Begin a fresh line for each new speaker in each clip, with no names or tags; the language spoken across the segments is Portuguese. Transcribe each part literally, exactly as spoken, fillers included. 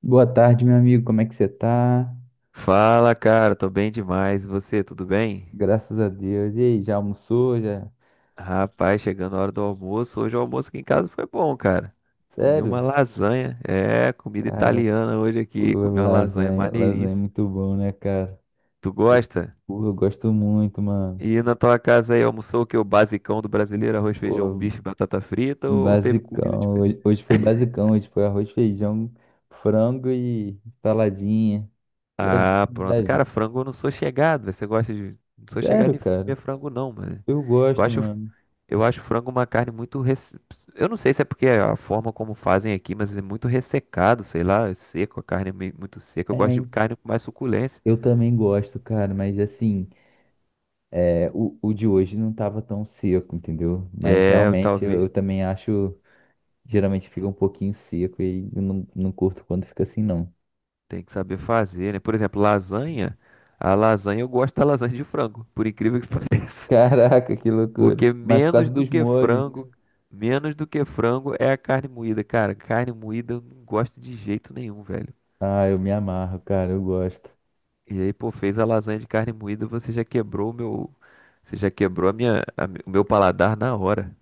Boa tarde, meu amigo. Como é que você tá?
Fala, cara, tô bem demais. E você, tudo bem?
Graças a Deus. E aí, já almoçou? Já?
Rapaz, chegando a hora do almoço. Hoje o almoço aqui em casa foi bom, cara. Comi uma
Sério?
lasanha. É, comida
Cara,
italiana hoje
pô,
aqui. Comi uma lasanha
lasanha, lasanha é
maneiríssima.
muito bom, né, cara?
Tu
Eu,
gosta?
pô, eu gosto muito, mano.
E na tua casa aí almoçou o que? O basicão do brasileiro, arroz, feijão,
Pô,
bife, batata frita, ou teve comida
basicão.
diferente?
Hoje, hoje foi basicão. Hoje foi arroz, feijão, frango e saladinha. Levinho,
Ah, pronto. Cara,
levinho.
frango eu não sou chegado. Você gosta de. Não sou chegado
Sério,
em comer
cara?
frango, não, mano.
Eu
Eu
gosto,
acho.
mano.
Eu acho frango uma carne muito. res- Eu não sei se é porque é a forma como fazem aqui, mas é muito ressecado, sei lá, é seco, a carne é meio- muito seca.
É,
Eu gosto de
hein?
carne com mais suculência.
Eu também gosto, cara, mas assim. É, o, o de hoje não estava tão seco, entendeu? Mas
É, eu
realmente eu, eu
talvez
também acho, geralmente fica um pouquinho seco e eu não, não curto quando fica assim, não.
tem que saber fazer, né? Por exemplo, lasanha. A lasanha, eu gosto da lasanha de frango, por incrível que pareça.
Caraca, que loucura.
Porque
Mas por causa
menos do
dos
que
molhos, né?
frango, menos do que frango é a carne moída. Cara, carne moída eu não gosto de jeito nenhum, velho.
Ah, eu me amarro, cara, eu gosto.
E aí, pô, fez a lasanha de carne moída, você já quebrou o meu. Você já quebrou a minha, a mi- o meu paladar na hora.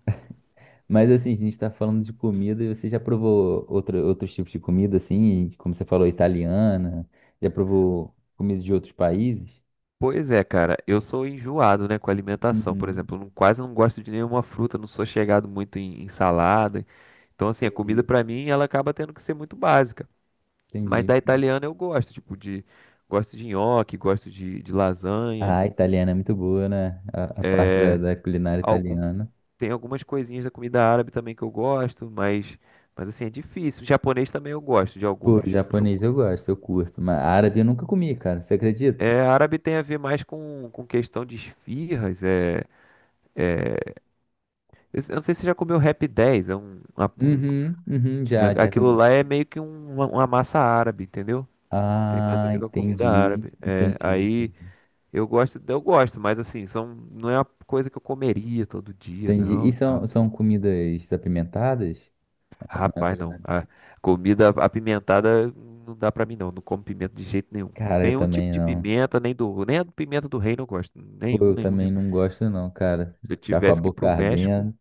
Mas assim, a gente tá falando de comida e você já provou outro, outros tipos de comida, assim, como você falou, italiana, já provou comida de outros países?
Pois é, cara, eu sou enjoado, né, com alimentação. Por
Uhum,
exemplo, eu não, quase não gosto de nenhuma fruta, não sou chegado muito em, em salada. Então, assim, a comida
entendi,
pra mim, ela acaba tendo que ser muito básica. Mas
entendi.
da italiana eu gosto, tipo de gosto de nhoque, gosto de, de
Ah,
lasanha,
a italiana é muito boa, né? A, a parte da da culinária
algum
italiana.
tem algumas coisinhas da comida árabe também que eu gosto, mas mas assim, é difícil. Japonês também eu gosto de
Pô,
alguns. de
japonês
alguns.
eu gosto, eu curto. Mas árabe eu nunca comi, cara. Você acredita?
É, árabe tem a ver mais com, com questão de esfirras, é é, Eu eu não sei se você já comeu Rap dez, é um, uma- um-
Uhum, uhum,
né,
já, já
aquilo
comi.
lá é meio que um- uma, uma massa árabe, entendeu? Tem mais a
Ah,
ver com a comida
entendi,
árabe. É,
entendi,
aí
entendi.
eu gosto, eu gosto, mas assim, são, não é uma coisa que eu comeria todo dia,
Entendi.
não,
E
e
são,
tal.
são comidas apimentadas? Não é
Rapaz, não.
culinária?
A comida apimentada não dá pra mim não, não como pimenta de jeito nenhum.
Cara, eu
Nenhum tipo
também
de
não.
pimenta, nem do, nem a do pimenta do reino eu gosto.
Pô,
Nenhum,
eu
nenhum,
também
nenhum.
não gosto não, cara.
Se eu
Ficar com a
tivesse que ir
boca
pro México,
ardendo.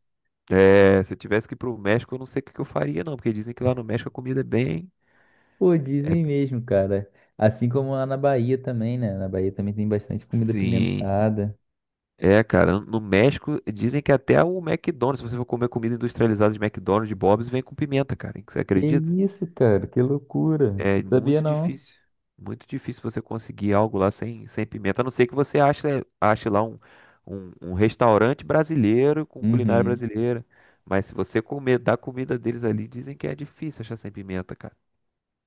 é, se eu tivesse que ir pro México, eu não sei o que que eu faria, não, porque dizem que lá no México a comida é bem.
Pô,
É,
dizem mesmo, cara. Assim como lá na Bahia também, né? Na Bahia também tem bastante comida
sim.
apimentada.
É, cara, no México dizem que até o McDonald's, se você for comer comida industrializada de McDonald's, de Bob's, vem com pimenta, cara. Você
Que
acredita?
isso, cara? Que loucura.
É
Não sabia,
muito
não.
difícil. Muito difícil você conseguir algo lá sem, sem pimenta, a não ser que você ache, ache lá um, um, um restaurante brasileiro com culinária
Uhum.
brasileira. Mas se você comer da comida deles ali, dizem que é difícil achar sem pimenta, cara.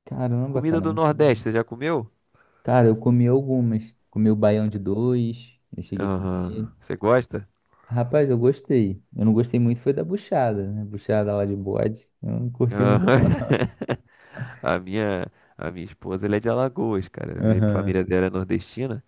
Caramba,
Comida
cara.
do Nordeste,
muito-
você já comeu?
Cara, eu comi algumas. Comi o baião de dois. Eu cheguei a comer.
Aham. Você gosta?
Rapaz, eu gostei. Eu não gostei muito foi da buchada, né? Buchada lá de bode. Eu não curti muito,
Aham.
não.
A minha, a minha esposa, ela é de Alagoas, cara. A
Aham.
família dela é nordestina.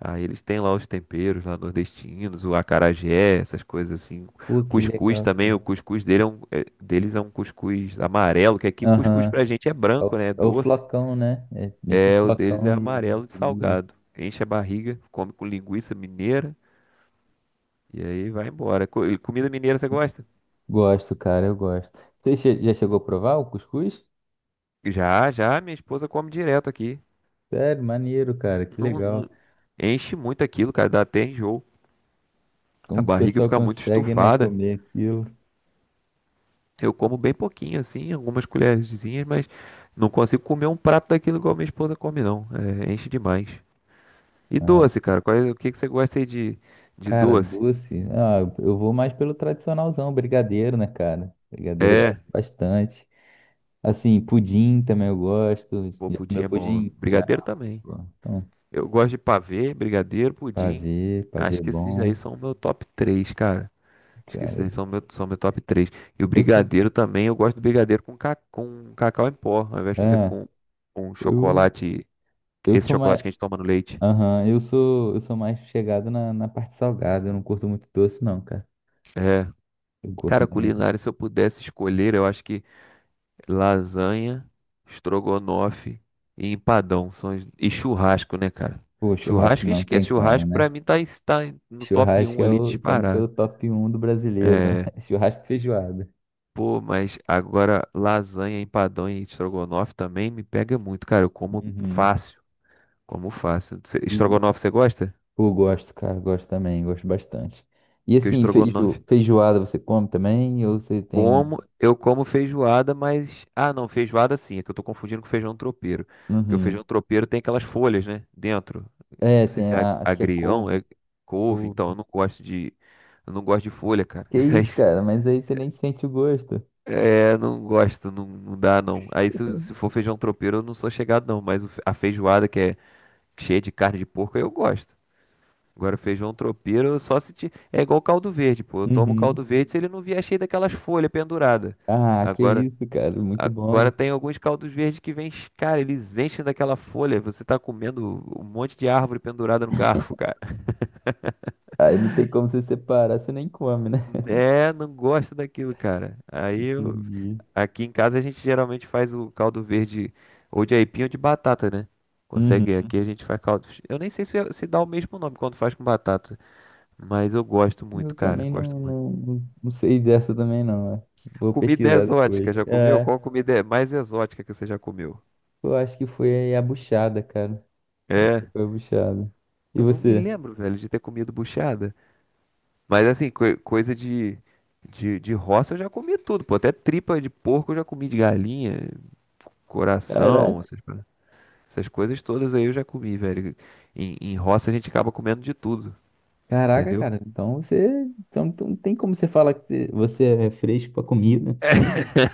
Aí eles têm lá os temperos lá nordestinos, o acarajé, essas coisas assim.
Pô, que
Cuscuz
legal,
também,
cara.
o cuscuz dele é um- é- deles é um cuscuz amarelo, que aqui o cuscuz
Aham.
pra gente é
É
branco,
o,
né? É
é o
doce.
flocão, né? É meio que o
É, o deles é
flocão de
amarelo de
de milho.
salgado. Enche a barriga, come com linguiça mineira e aí vai embora. Co- e comida mineira você gosta?
Gosto, cara, eu gosto. Você che- já chegou a provar o cuscuz?
Já, já, minha esposa come direto aqui.
Sério, maneiro, cara, que
Não,
legal.
não- enche muito aquilo, cara, dá até enjoo. A
Como que o
barriga
pessoal
fica muito
consegue, né,
estufada.
comer aquilo?
Eu como bem pouquinho, assim, algumas colherzinhas, mas não consigo comer um prato daquilo igual minha esposa come, não. É, enche demais. E
Ah,
doce, cara? Qual é- o que que você gosta aí de, de
Cara,
doce?
doce. Ah, eu vou mais pelo tradicionalzão, brigadeiro, né, cara? Brigadeiro eu gosto
É,
bastante. Assim, pudim também eu gosto.
pô,
Já
pudim
comeu
é bom.
pudim? Já.
Brigadeiro também.
Pô. Então,
Eu gosto de pavê, brigadeiro, pudim.
pavê, pavê é
Acho que esses daí
bom.
são o meu top três, cara. Acho que esses
Cara,
daí são o meu, são o meu top três. E o
eu sou.
brigadeiro também, eu gosto do brigadeiro com, ca, com cacau em pó, ao invés de fazer
Ah,
com, com
eu,
chocolate,
eu
esse
sou
chocolate
mais.
que a gente toma no leite.
Aham, eu sou, eu sou mais chegado na, na parte salgada. Eu não curto muito doce, não, cara. Eu curto
Cara,
mais.
culinária, se eu pudesse escolher, eu acho que lasanha, estrogonofe e empadão são as- e churrasco, né, cara?
Pô, churrasco
Churrasco
não tem
esquece,
como,
churrasco pra
né?
mim tá, em- tá em- no top
Churrasco
um
é
ali
o, tem que ser o
disparado.
top um do brasileiro, né?
É,
Churrasco e feijoada.
pô, mas agora lasanha, empadão e estrogonofe também me pega muito, cara. Eu como
Uhum.
fácil, como fácil. Cê- Estrogonofe você gosta?
Pô, gosto, cara, gosto também, gosto bastante. E
Porque o
assim,
estrogonofe
feijo, feijoada você come também? Ou você tem um.
Como eu como feijoada, mas. Ah, não, feijoada sim, é que eu tô confundindo com feijão tropeiro. Porque o
Uhum.
feijão tropeiro tem aquelas folhas, né? Dentro. Não
É,
sei
tem
se é ag-
a. Acho que é
agrião, é
couve.
couve, então eu
Couve.
não gosto de. Eu não gosto de folha, cara.
Que isso,
Mas,
cara, mas aí você nem sente o gosto.
é, não gosto, não, não dá não. Aí se, se for feijão tropeiro, eu não sou chegado não, mas o fe- a feijoada que é cheia de carne de porco, eu gosto. Agora, feijão tropeiro, eu só se. ti- É igual caldo verde, pô. Eu tomo caldo
Uhum.
verde se ele não vier cheio daquelas folhas penduradas.
Ah, que
Agora.
isso, cara, muito
Agora
bom.
tem alguns caldos verdes que vêm, cara, eles enchem daquela folha. Você tá comendo um monte de árvore pendurada no garfo, cara.
Aí não tem como você separar, você nem come, né?
É, não gosto daquilo, cara. Aí eu-
Entendi.
aqui em casa a gente geralmente faz o caldo verde ou de aipim ou de batata, né? Consegue, aqui
Uhum.
a gente faz caldo. Eu nem sei se, é, se dá o mesmo nome quando faz com batata, mas eu gosto
Eu
muito, cara,
também
gosto
não,
muito.
não, não não sei dessa também, não, é. Vou
Comida é
pesquisar
exótica,
depois.
já comeu?
É,
Qual comida é mais exótica que você já comeu?
eu acho que foi a buchada, cara. Acho que
É,
foi a buchada. E
eu não me
você?
lembro, velho, de ter comido buchada. Mas assim, coi- coisa de, de, de roça eu já comi tudo, pô. Até tripa de porco eu já comi, de galinha, coração,
Caraca,
essas, pa- essas coisas todas aí eu já comi, velho. Em, em roça a gente acaba comendo de tudo,
caraca,
entendeu?
cara. Então você, então então não tem como você falar que você é fresco pra comida.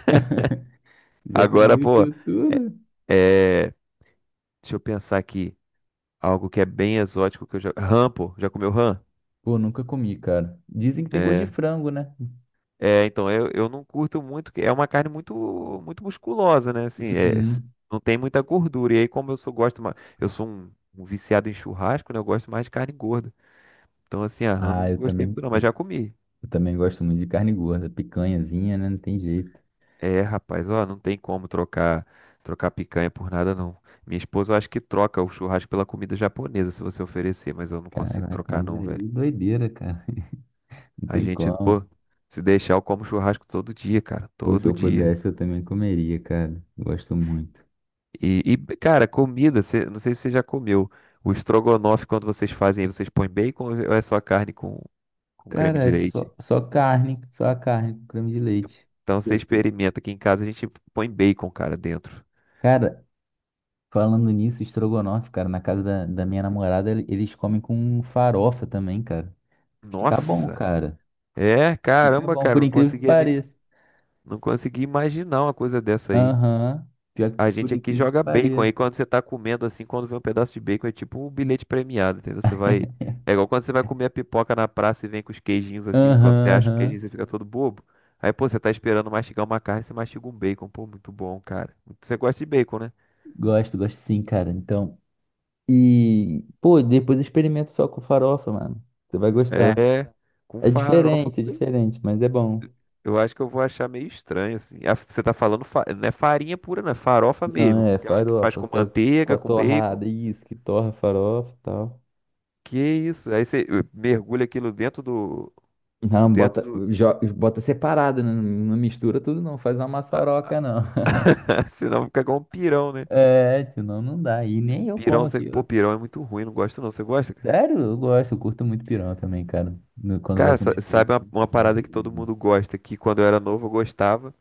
Já
Agora,
comeu
pô,
isso tudo?
é. Deixa eu pensar aqui. Algo que é bem exótico que eu já. Rã, pô. Já comeu rã?
Pô, nunca comi, cara. Dizem que tem gosto de
É.
frango, né?
É, então, eu, eu não curto muito, que é uma carne muito muito musculosa, né? Assim, é, s-
Uhum.
não tem muita gordura. E aí, como eu sou, gosto mais, eu sou um, um viciado em churrasco, né? Eu gosto mais de carne gorda. Então, assim, a rã
Ah,
não
eu
gostei muito
também,
não, mas
eu,
já comi.
eu também gosto muito de carne gorda, picanhazinha, né? Não tem jeito.
É, rapaz, ó, não tem como trocar, trocar picanha por nada, não. Minha esposa, eu acho que troca o churrasco pela comida japonesa, se você oferecer, mas eu não consigo
Caraca,
trocar,
mas é
não, velho.
aí doideira, cara. Não
A
tem
gente,
como.
pô, se deixar, eu como churrasco todo dia, cara,
Ou se
todo
eu
dia.
pudesse, eu também comeria, cara. Gosto muito.
E, e, cara, comida, cê- não sei se você já comeu. O estrogonofe, quando vocês fazem, aí, vocês põem bacon ou é só carne com, com creme
Cara, é
de
só,
leite?
só carne, só a carne, com creme de leite.
Então você
Eu-
experimenta. Aqui em casa a gente põe bacon, cara, dentro.
Cara, falando nisso, estrogonofe, cara, na casa da, da minha namorada, ele- eles comem com farofa também, cara. Fica bom,
Nossa!
cara.
É,
Fica
caramba,
bom,
cara,
por
não
incrível que
conseguia nem,
pareça.
não conseguia imaginar uma coisa dessa aí.
Aham. Pior que
A
por
gente aqui
incrível que
joga bacon. Aí
pareça.
quando você tá comendo assim, quando vem um pedaço de bacon, é tipo um bilhete premiado, entendeu? Você vai. É igual quando você vai comer a pipoca na praça e vem com os queijinhos assim.
Aham,
Quando você acha o queijinho,
aham.
você fica todo bobo. Aí, pô, você tá esperando mastigar uma carne, você mastiga um bacon. Pô, muito bom, cara. Você gosta de bacon, né?
Gosto, gosto sim, cara. Então, e, pô, depois experimenta só com farofa, mano. Você vai gostar.
É. Com
É
farofa,
diferente, é
foi-
diferente, mas é bom.
eu acho que eu vou achar meio estranho, assim. A- Você tá falando, fa- não é farinha pura, não, é farofa
Não,
mesmo.
é
Aquela que faz
farofa,
com
aquela com
manteiga,
a
com bacon.
torrada, isso, que torra a farofa e tal.
Que isso? Aí você eh, mergulha aquilo dentro do.
Não,
Dentro
bota,
do.
jo- bota separado, né? Não, mistura tudo, não. Faz uma maçaroca, não.
Senão fica igual um pirão, né?
É, senão não dá. E nem eu
Pirão,
como
você.
aqui.
Pô,
Eu-
pirão é muito ruim, não gosto não. Você gosta, cara?
sério, eu gosto, eu curto muito pirão também, cara. No- Quando vai
Cara, sa-
comer
sabe uma,
peixe.
uma parada que todo mundo gosta, que quando eu era novo eu gostava,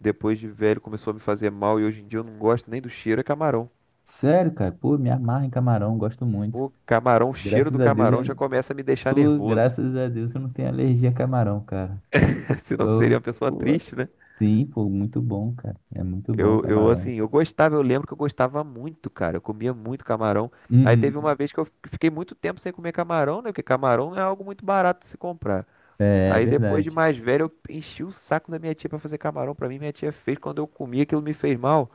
depois de velho começou a me fazer mal e hoje em dia eu não gosto nem do cheiro, é camarão.
Sério, cara, pô, me amarra em camarão, gosto muito.
Pô, camarão, o cheiro
Graças
do
a Deus eu
camarão já
não.
começa a me deixar
Pô,
nervoso.
graças a Deus eu não tenho alergia a camarão, cara.
Senão você seria uma
Eu,
pessoa
pô,
triste, né?
sim, pô, muito bom, cara. É muito bom o
Eu, eu, assim,
camarão.
eu gostava, eu lembro que eu gostava muito, cara. Eu comia muito camarão. Aí teve uma
Uhum.
vez que eu fiquei muito tempo sem comer camarão, né? Porque camarão é algo muito barato de se comprar.
É, é
Aí depois de
verdade.
mais velho, eu enchi o saco da minha tia pra fazer camarão pra mim. Minha tia fez, quando eu comi, aquilo me fez mal.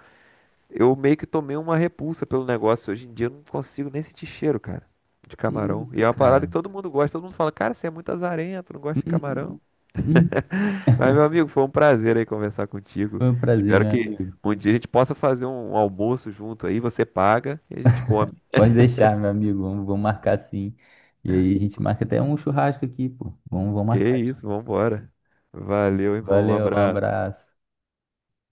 Eu meio que tomei uma repulsa pelo negócio. Hoje em dia eu não consigo nem sentir cheiro, cara, de
Que
camarão.
isso,
E é uma parada
cara.
que todo mundo gosta. Todo mundo fala, cara, você é muito azarento, não gosta de camarão.
Uhum. Uhum.
Mas, meu amigo, foi um prazer aí conversar contigo.
Foi um prazer,
Espero
meu
que
amigo.
um dia a gente possa fazer um almoço junto aí. Você paga e a gente come.
Pode deixar, meu amigo. Vamos, vamos marcar, sim. E aí a gente marca até um churrasco aqui, pô. Vamos, vamos
Que
marcar.
isso, vambora. Valeu, irmão. Um
Valeu, um
abraço.
abraço.